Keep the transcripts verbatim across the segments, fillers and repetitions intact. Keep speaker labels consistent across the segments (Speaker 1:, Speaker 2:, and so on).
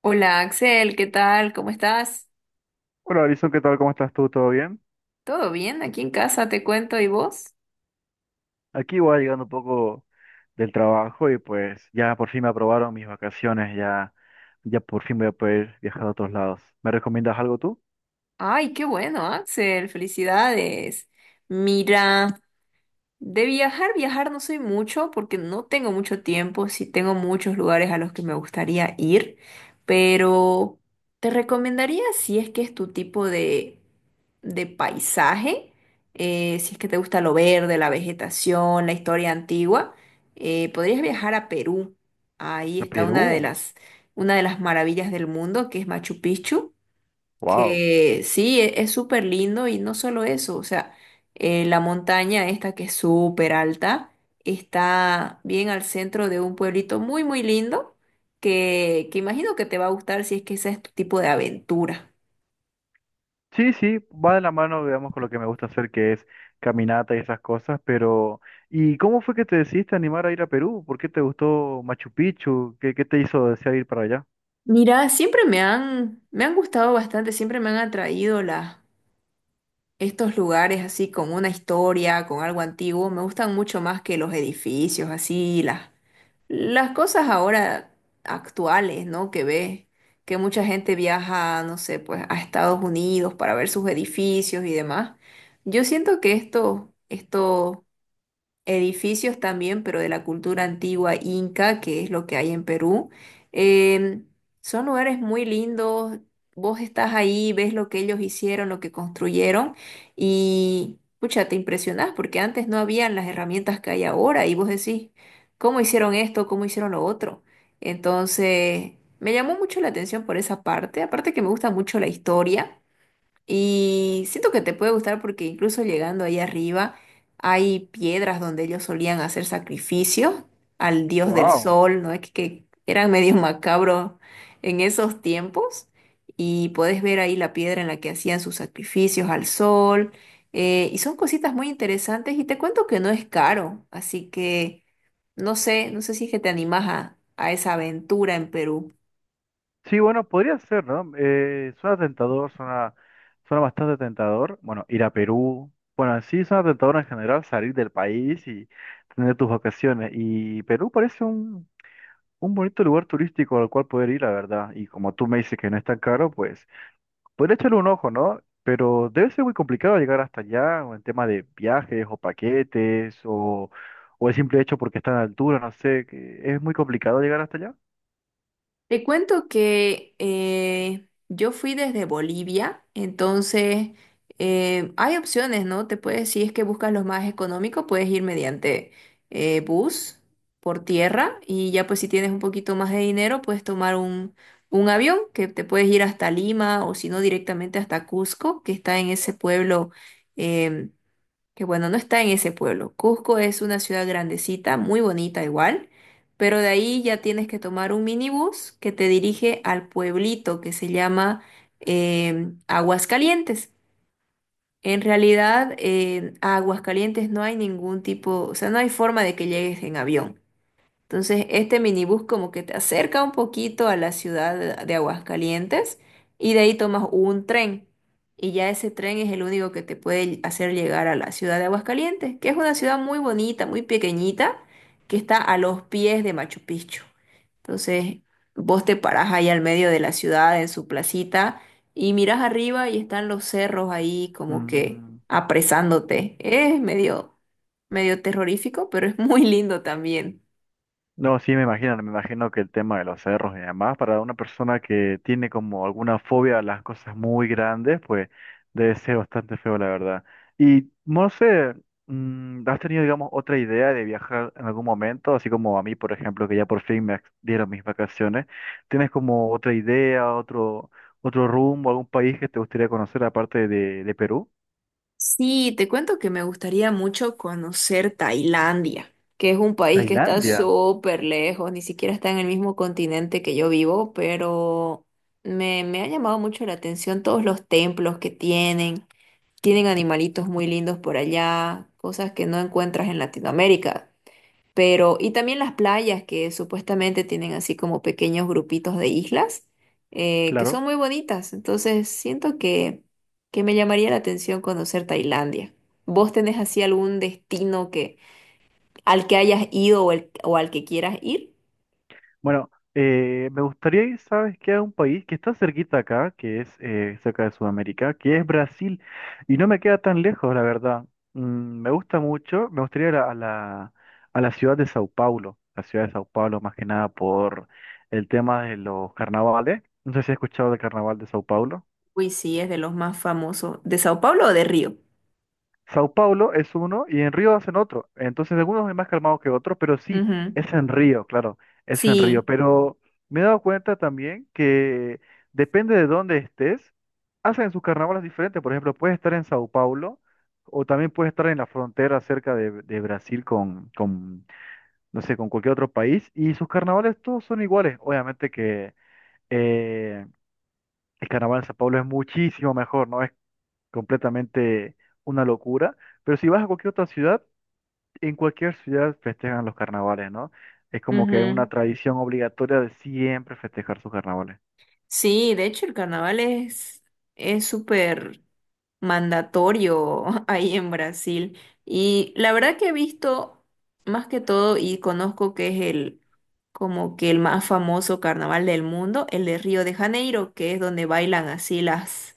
Speaker 1: Hola Axel, ¿qué tal? ¿Cómo estás?
Speaker 2: Hola, Alison, ¿qué tal? ¿Cómo estás tú? ¿Todo bien?
Speaker 1: ¿Todo bien? Aquí en casa te cuento, ¿y vos?
Speaker 2: Aquí voy llegando un poco del trabajo y pues ya por fin me aprobaron mis vacaciones, ya, ya por fin voy a poder viajar a otros lados. ¿Me recomiendas algo tú?
Speaker 1: Ay, qué bueno, Axel, felicidades. Mira. De viajar, viajar no soy mucho porque no tengo mucho tiempo, sí tengo muchos lugares a los que me gustaría ir, pero te recomendaría si es que es tu tipo de, de paisaje, eh, si es que te gusta lo verde, la vegetación, la historia antigua. Eh, podrías viajar a Perú. Ahí
Speaker 2: ¿A
Speaker 1: está una de
Speaker 2: Perú?
Speaker 1: las, una de las maravillas del mundo, que es Machu Picchu,
Speaker 2: Wow.
Speaker 1: que sí, e- es súper lindo. Y no solo eso, o sea, eh, la montaña esta que es súper alta está bien al centro de un pueblito muy, muy lindo que, que imagino que te va a gustar si es que ese es tu tipo de aventura.
Speaker 2: Sí, sí, va de la mano, digamos, con lo que me gusta hacer, que es caminata y esas cosas, pero ¿y cómo fue que te decidiste a animar a ir a Perú? ¿Por qué te gustó Machu Picchu? ¿Qué, qué te hizo desear ir para allá?
Speaker 1: Mira, siempre me han, me han gustado bastante, siempre me han atraído las, estos lugares así con una historia, con algo antiguo. Me gustan mucho más que los edificios así, las Las cosas ahora actuales, ¿no? Que ves que mucha gente viaja, no sé, pues a Estados Unidos para ver sus edificios y demás. Yo siento que esto, esto edificios también, pero de la cultura antigua inca, que es lo que hay en Perú. Em, Son lugares muy lindos, vos estás ahí, ves lo que ellos hicieron, lo que construyeron y, pucha, te impresionás porque antes no habían las herramientas que hay ahora y vos decís, ¿cómo hicieron esto? ¿Cómo hicieron lo otro? Entonces, me llamó mucho la atención por esa parte, aparte que me gusta mucho la historia. Y siento que te puede gustar porque incluso llegando ahí arriba hay piedras donde ellos solían hacer sacrificios al dios del
Speaker 2: Wow.
Speaker 1: sol, ¿no? Es que, que eran medio macabros en esos tiempos. Y podés ver ahí la piedra en la que hacían sus sacrificios al sol. Eh, y son cositas muy interesantes y te cuento que no es caro. Así que no sé, no sé si es que te animas a, a esa aventura en Perú.
Speaker 2: Sí, bueno, podría ser, ¿no? Eh, suena tentador, suena, suena bastante tentador. Bueno, ir a Perú. Bueno, sí suena tentador en general salir del país y tener tus vacaciones. Y Perú parece un, un bonito lugar turístico al cual poder ir, la verdad. Y como tú me dices que no es tan caro, pues podría echarle un ojo, ¿no? Pero debe ser muy complicado llegar hasta allá, o en tema de viajes o paquetes, o, o el simple hecho porque está en altura, no sé, que es muy complicado llegar hasta allá.
Speaker 1: Te cuento que eh, yo fui desde Bolivia, entonces eh, hay opciones, ¿no? Te puedes, si es que buscas los más económicos, puedes ir mediante eh, bus por tierra. Y ya pues si tienes un poquito más de dinero, puedes tomar un, un avión que te puedes ir hasta Lima, o si no directamente hasta Cusco, que está en ese pueblo. em, que bueno, no está en ese pueblo. Cusco es una ciudad grandecita, muy bonita igual, pero de ahí ya tienes que tomar un minibús que te dirige al pueblito que se llama eh, Aguascalientes. En realidad, eh, a Aguascalientes no hay ningún tipo, o sea, no hay forma de que llegues en avión. Entonces, este minibús como que te acerca un poquito a la ciudad de Aguascalientes y de ahí tomas un tren. Y ya ese tren es el único que te puede hacer llegar a la ciudad de Aguascalientes, que es una ciudad muy bonita, muy pequeñita, que está a los pies de Machu Picchu. Entonces, vos te parás ahí al medio de la ciudad, en su placita, y mirás arriba y están los cerros ahí como que
Speaker 2: Mm.
Speaker 1: apresándote. Es medio, medio terrorífico, pero es muy lindo también.
Speaker 2: No, sí, me imagino, me imagino que el tema de los cerros y demás, para una persona que tiene como alguna fobia a las cosas muy grandes, pues debe ser bastante feo, la verdad. Y no sé, mm, ¿has tenido, digamos, otra idea de viajar en algún momento? Así como a mí, por ejemplo, que ya por fin me ex- dieron mis vacaciones. ¿Tienes como otra idea, otro, otro rumbo, algún país que te gustaría conocer aparte de, de Perú?
Speaker 1: Sí, te cuento que me gustaría mucho conocer Tailandia, que es un país que está
Speaker 2: Tailandia,
Speaker 1: súper lejos, ni siquiera está en el mismo continente que yo vivo, pero me, me ha llamado mucho la atención todos los templos que tienen, tienen animalitos muy lindos por allá, cosas que no encuentras en Latinoamérica. Pero, y también las playas que supuestamente tienen así como pequeños grupitos de islas, eh, que
Speaker 2: claro.
Speaker 1: son muy bonitas. Entonces, siento que, que me llamaría la atención conocer Tailandia. ¿Vos tenés así algún destino que, al que hayas ido o, el- o al que quieras ir?
Speaker 2: Bueno, eh, me gustaría ir, ¿sabes qué? A un país que está cerquita acá, que es eh, cerca de Sudamérica, que es Brasil, y no me queda tan lejos, la verdad. Mm, me gusta mucho, me gustaría ir a, a la, a la ciudad de Sao Paulo, la ciudad de Sao Paulo más que nada por el tema de los carnavales. No sé si has escuchado del carnaval de Sao Paulo.
Speaker 1: Uy, sí, es de los más famosos. ¿De Sao Paulo o de Río?
Speaker 2: Sao Paulo es uno y en Río hacen otro. Entonces, algunos es más calmado que otros, pero sí,
Speaker 1: Ujú.
Speaker 2: es en Río, claro, es en Río.
Speaker 1: Sí,
Speaker 2: Pero me he dado cuenta también que depende de dónde estés, hacen sus carnavales diferentes. Por ejemplo, puedes estar en Sao Paulo o también puedes estar en la frontera cerca de, de Brasil con, con, no sé, con cualquier otro país y sus carnavales todos son iguales. Obviamente que eh, el carnaval de Sao Paulo es muchísimo mejor, ¿no? completamente una locura. Pero si vas a cualquier otra ciudad, en cualquier ciudad festejan los carnavales, ¿no? Es como que
Speaker 1: ujú.
Speaker 2: una tradición obligatoria de siempre festejar sus carnavales.
Speaker 1: Sí, de hecho el carnaval es es súper mandatorio ahí en Brasil. Y la verdad que he visto más que todo y conozco que es el como que el más famoso carnaval del mundo, el de Río de Janeiro, que es donde bailan así las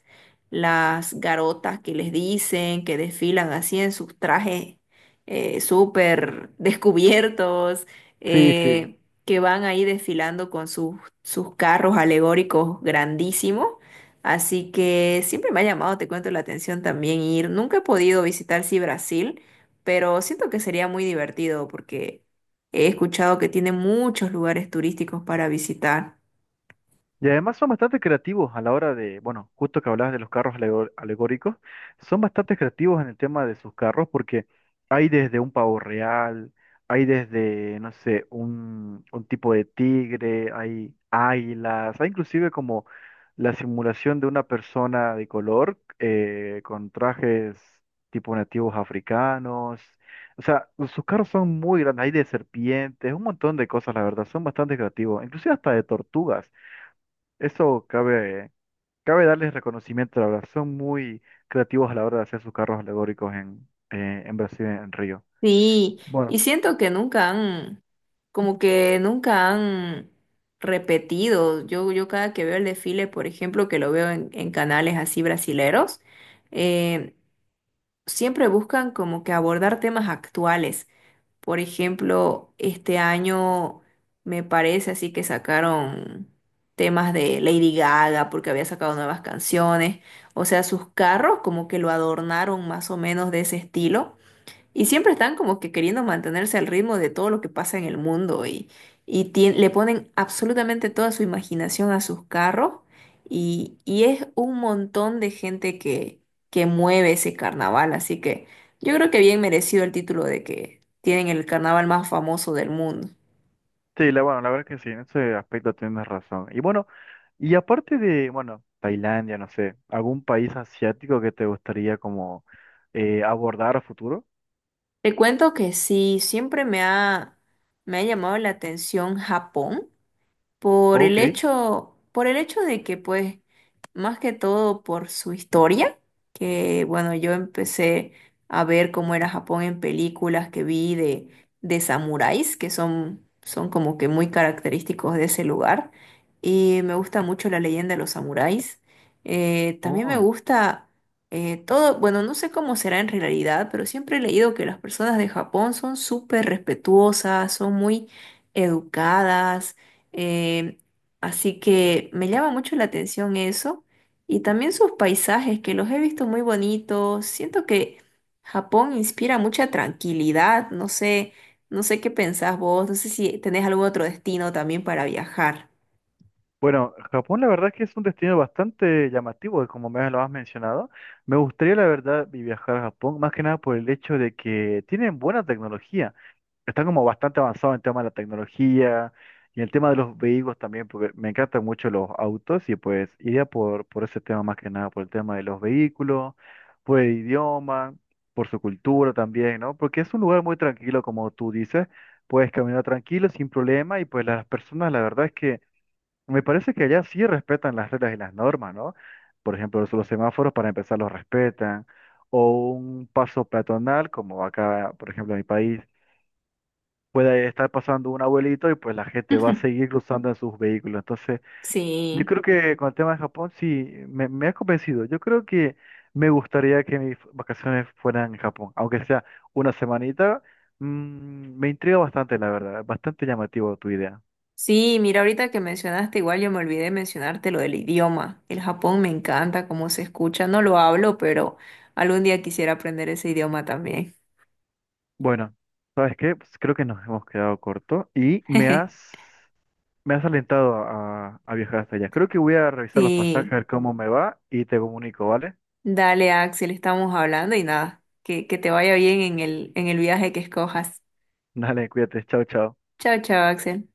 Speaker 1: las garotas que les dicen, que desfilan así en sus trajes eh, súper descubiertos,
Speaker 2: Sí, sí.
Speaker 1: eh, que van ahí desfilando con sus, sus carros alegóricos grandísimos. Así que siempre me ha llamado, te cuento, la atención también ir. Nunca he podido visitar sí Brasil, pero siento que sería muy divertido porque he escuchado que tiene muchos lugares turísticos para visitar.
Speaker 2: Y además son bastante creativos a la hora de, bueno, justo que hablabas de los carros alego- alegóricos, son bastante creativos en el tema de sus carros porque hay desde un pavo real, hay desde, no sé, un, un tipo de tigre, hay águilas, hay inclusive como la simulación de una persona de color eh, con trajes tipo nativos africanos. O sea, sus carros son muy grandes, hay de serpientes, un montón de cosas, la verdad, son bastante creativos, inclusive hasta de tortugas. Eso cabe, cabe darles reconocimiento, la verdad. Son muy creativos a la hora de hacer sus carros alegóricos en, eh, en Brasil, en Río.
Speaker 1: Sí, y
Speaker 2: Bueno,
Speaker 1: siento que nunca han, como que nunca han repetido. Yo, yo cada que veo el desfile, por ejemplo, que lo veo en, en canales así brasileros, eh, siempre buscan como que abordar temas actuales. Por ejemplo, este año me parece así que sacaron temas de Lady Gaga porque había sacado nuevas canciones. O sea, sus carros como que lo adornaron más o menos de ese estilo. Y siempre están como que queriendo mantenerse al ritmo de todo lo que pasa en el mundo y, y tien- le ponen absolutamente toda su imaginación a sus carros y, y es un montón de gente que, que mueve ese carnaval, así que yo creo que bien merecido el título de que tienen el carnaval más famoso del mundo.
Speaker 2: sí, la, bueno, la verdad que sí, en ese aspecto tienes razón. Y bueno, y aparte de, bueno, Tailandia, no sé, ¿algún país asiático que te gustaría como eh, abordar a futuro?
Speaker 1: Te cuento que sí, siempre me ha, me ha llamado la atención Japón. Por el
Speaker 2: Ok.
Speaker 1: hecho, por el hecho de que, pues, más que todo por su historia, que bueno, yo empecé a ver cómo era Japón en películas que vi de, de samuráis, que son, son como que muy característicos de ese lugar. Y me gusta mucho la leyenda de los samuráis. Eh, también me
Speaker 2: Oh.
Speaker 1: gusta eh, todo, bueno, no sé cómo será en realidad, pero siempre he leído que las personas de Japón son súper respetuosas, son muy educadas, eh, así que me llama mucho la atención eso y también sus paisajes que los he visto muy bonitos. Siento que Japón inspira mucha tranquilidad. No sé, no sé qué pensás vos. No sé si tenés algún otro destino también para viajar.
Speaker 2: Bueno, Japón la verdad es que es un destino bastante llamativo, como me lo has mencionado. Me gustaría la verdad vi- viajar a Japón, más que nada por el hecho de que tienen buena tecnología. Están como bastante avanzados en tema de la tecnología y el tema de los vehículos también, porque me encantan mucho los autos y pues iría por, por ese tema más que nada, por el tema de los vehículos, por el idioma, por su cultura también, ¿no? Porque es un lugar muy tranquilo, como tú dices, puedes caminar tranquilo, sin problema y pues las personas la verdad es que... Me parece que allá sí respetan las reglas y las normas, ¿no? Por ejemplo, los los semáforos para empezar los respetan, o un paso peatonal, como acá, por ejemplo, en mi país, puede estar pasando un abuelito y pues la gente va a seguir cruzando en sus vehículos. Entonces, yo
Speaker 1: Sí,
Speaker 2: creo que con el tema de Japón sí, me, me ha convencido. Yo creo que me gustaría que mis vacaciones fueran en Japón, aunque sea una semanita. Mm, me intriga bastante, la verdad, bastante llamativo tu idea.
Speaker 1: sí, mira, ahorita que mencionaste, igual yo me olvidé de mencionarte lo del idioma. El Japón me encanta cómo se escucha, no lo hablo, pero algún día quisiera aprender ese idioma también.
Speaker 2: Bueno, ¿sabes qué? Pues creo que nos hemos quedado corto y me has, me has alentado a, a viajar hasta allá. Creo que voy a revisar los pasajes,
Speaker 1: Sí.
Speaker 2: a ver cómo me va y te comunico, ¿vale?
Speaker 1: Dale, Axel, estamos hablando y nada, que, que te vaya bien en el, en el viaje que escojas.
Speaker 2: Dale, cuídate, chao, chao.
Speaker 1: Chao, chao, Axel.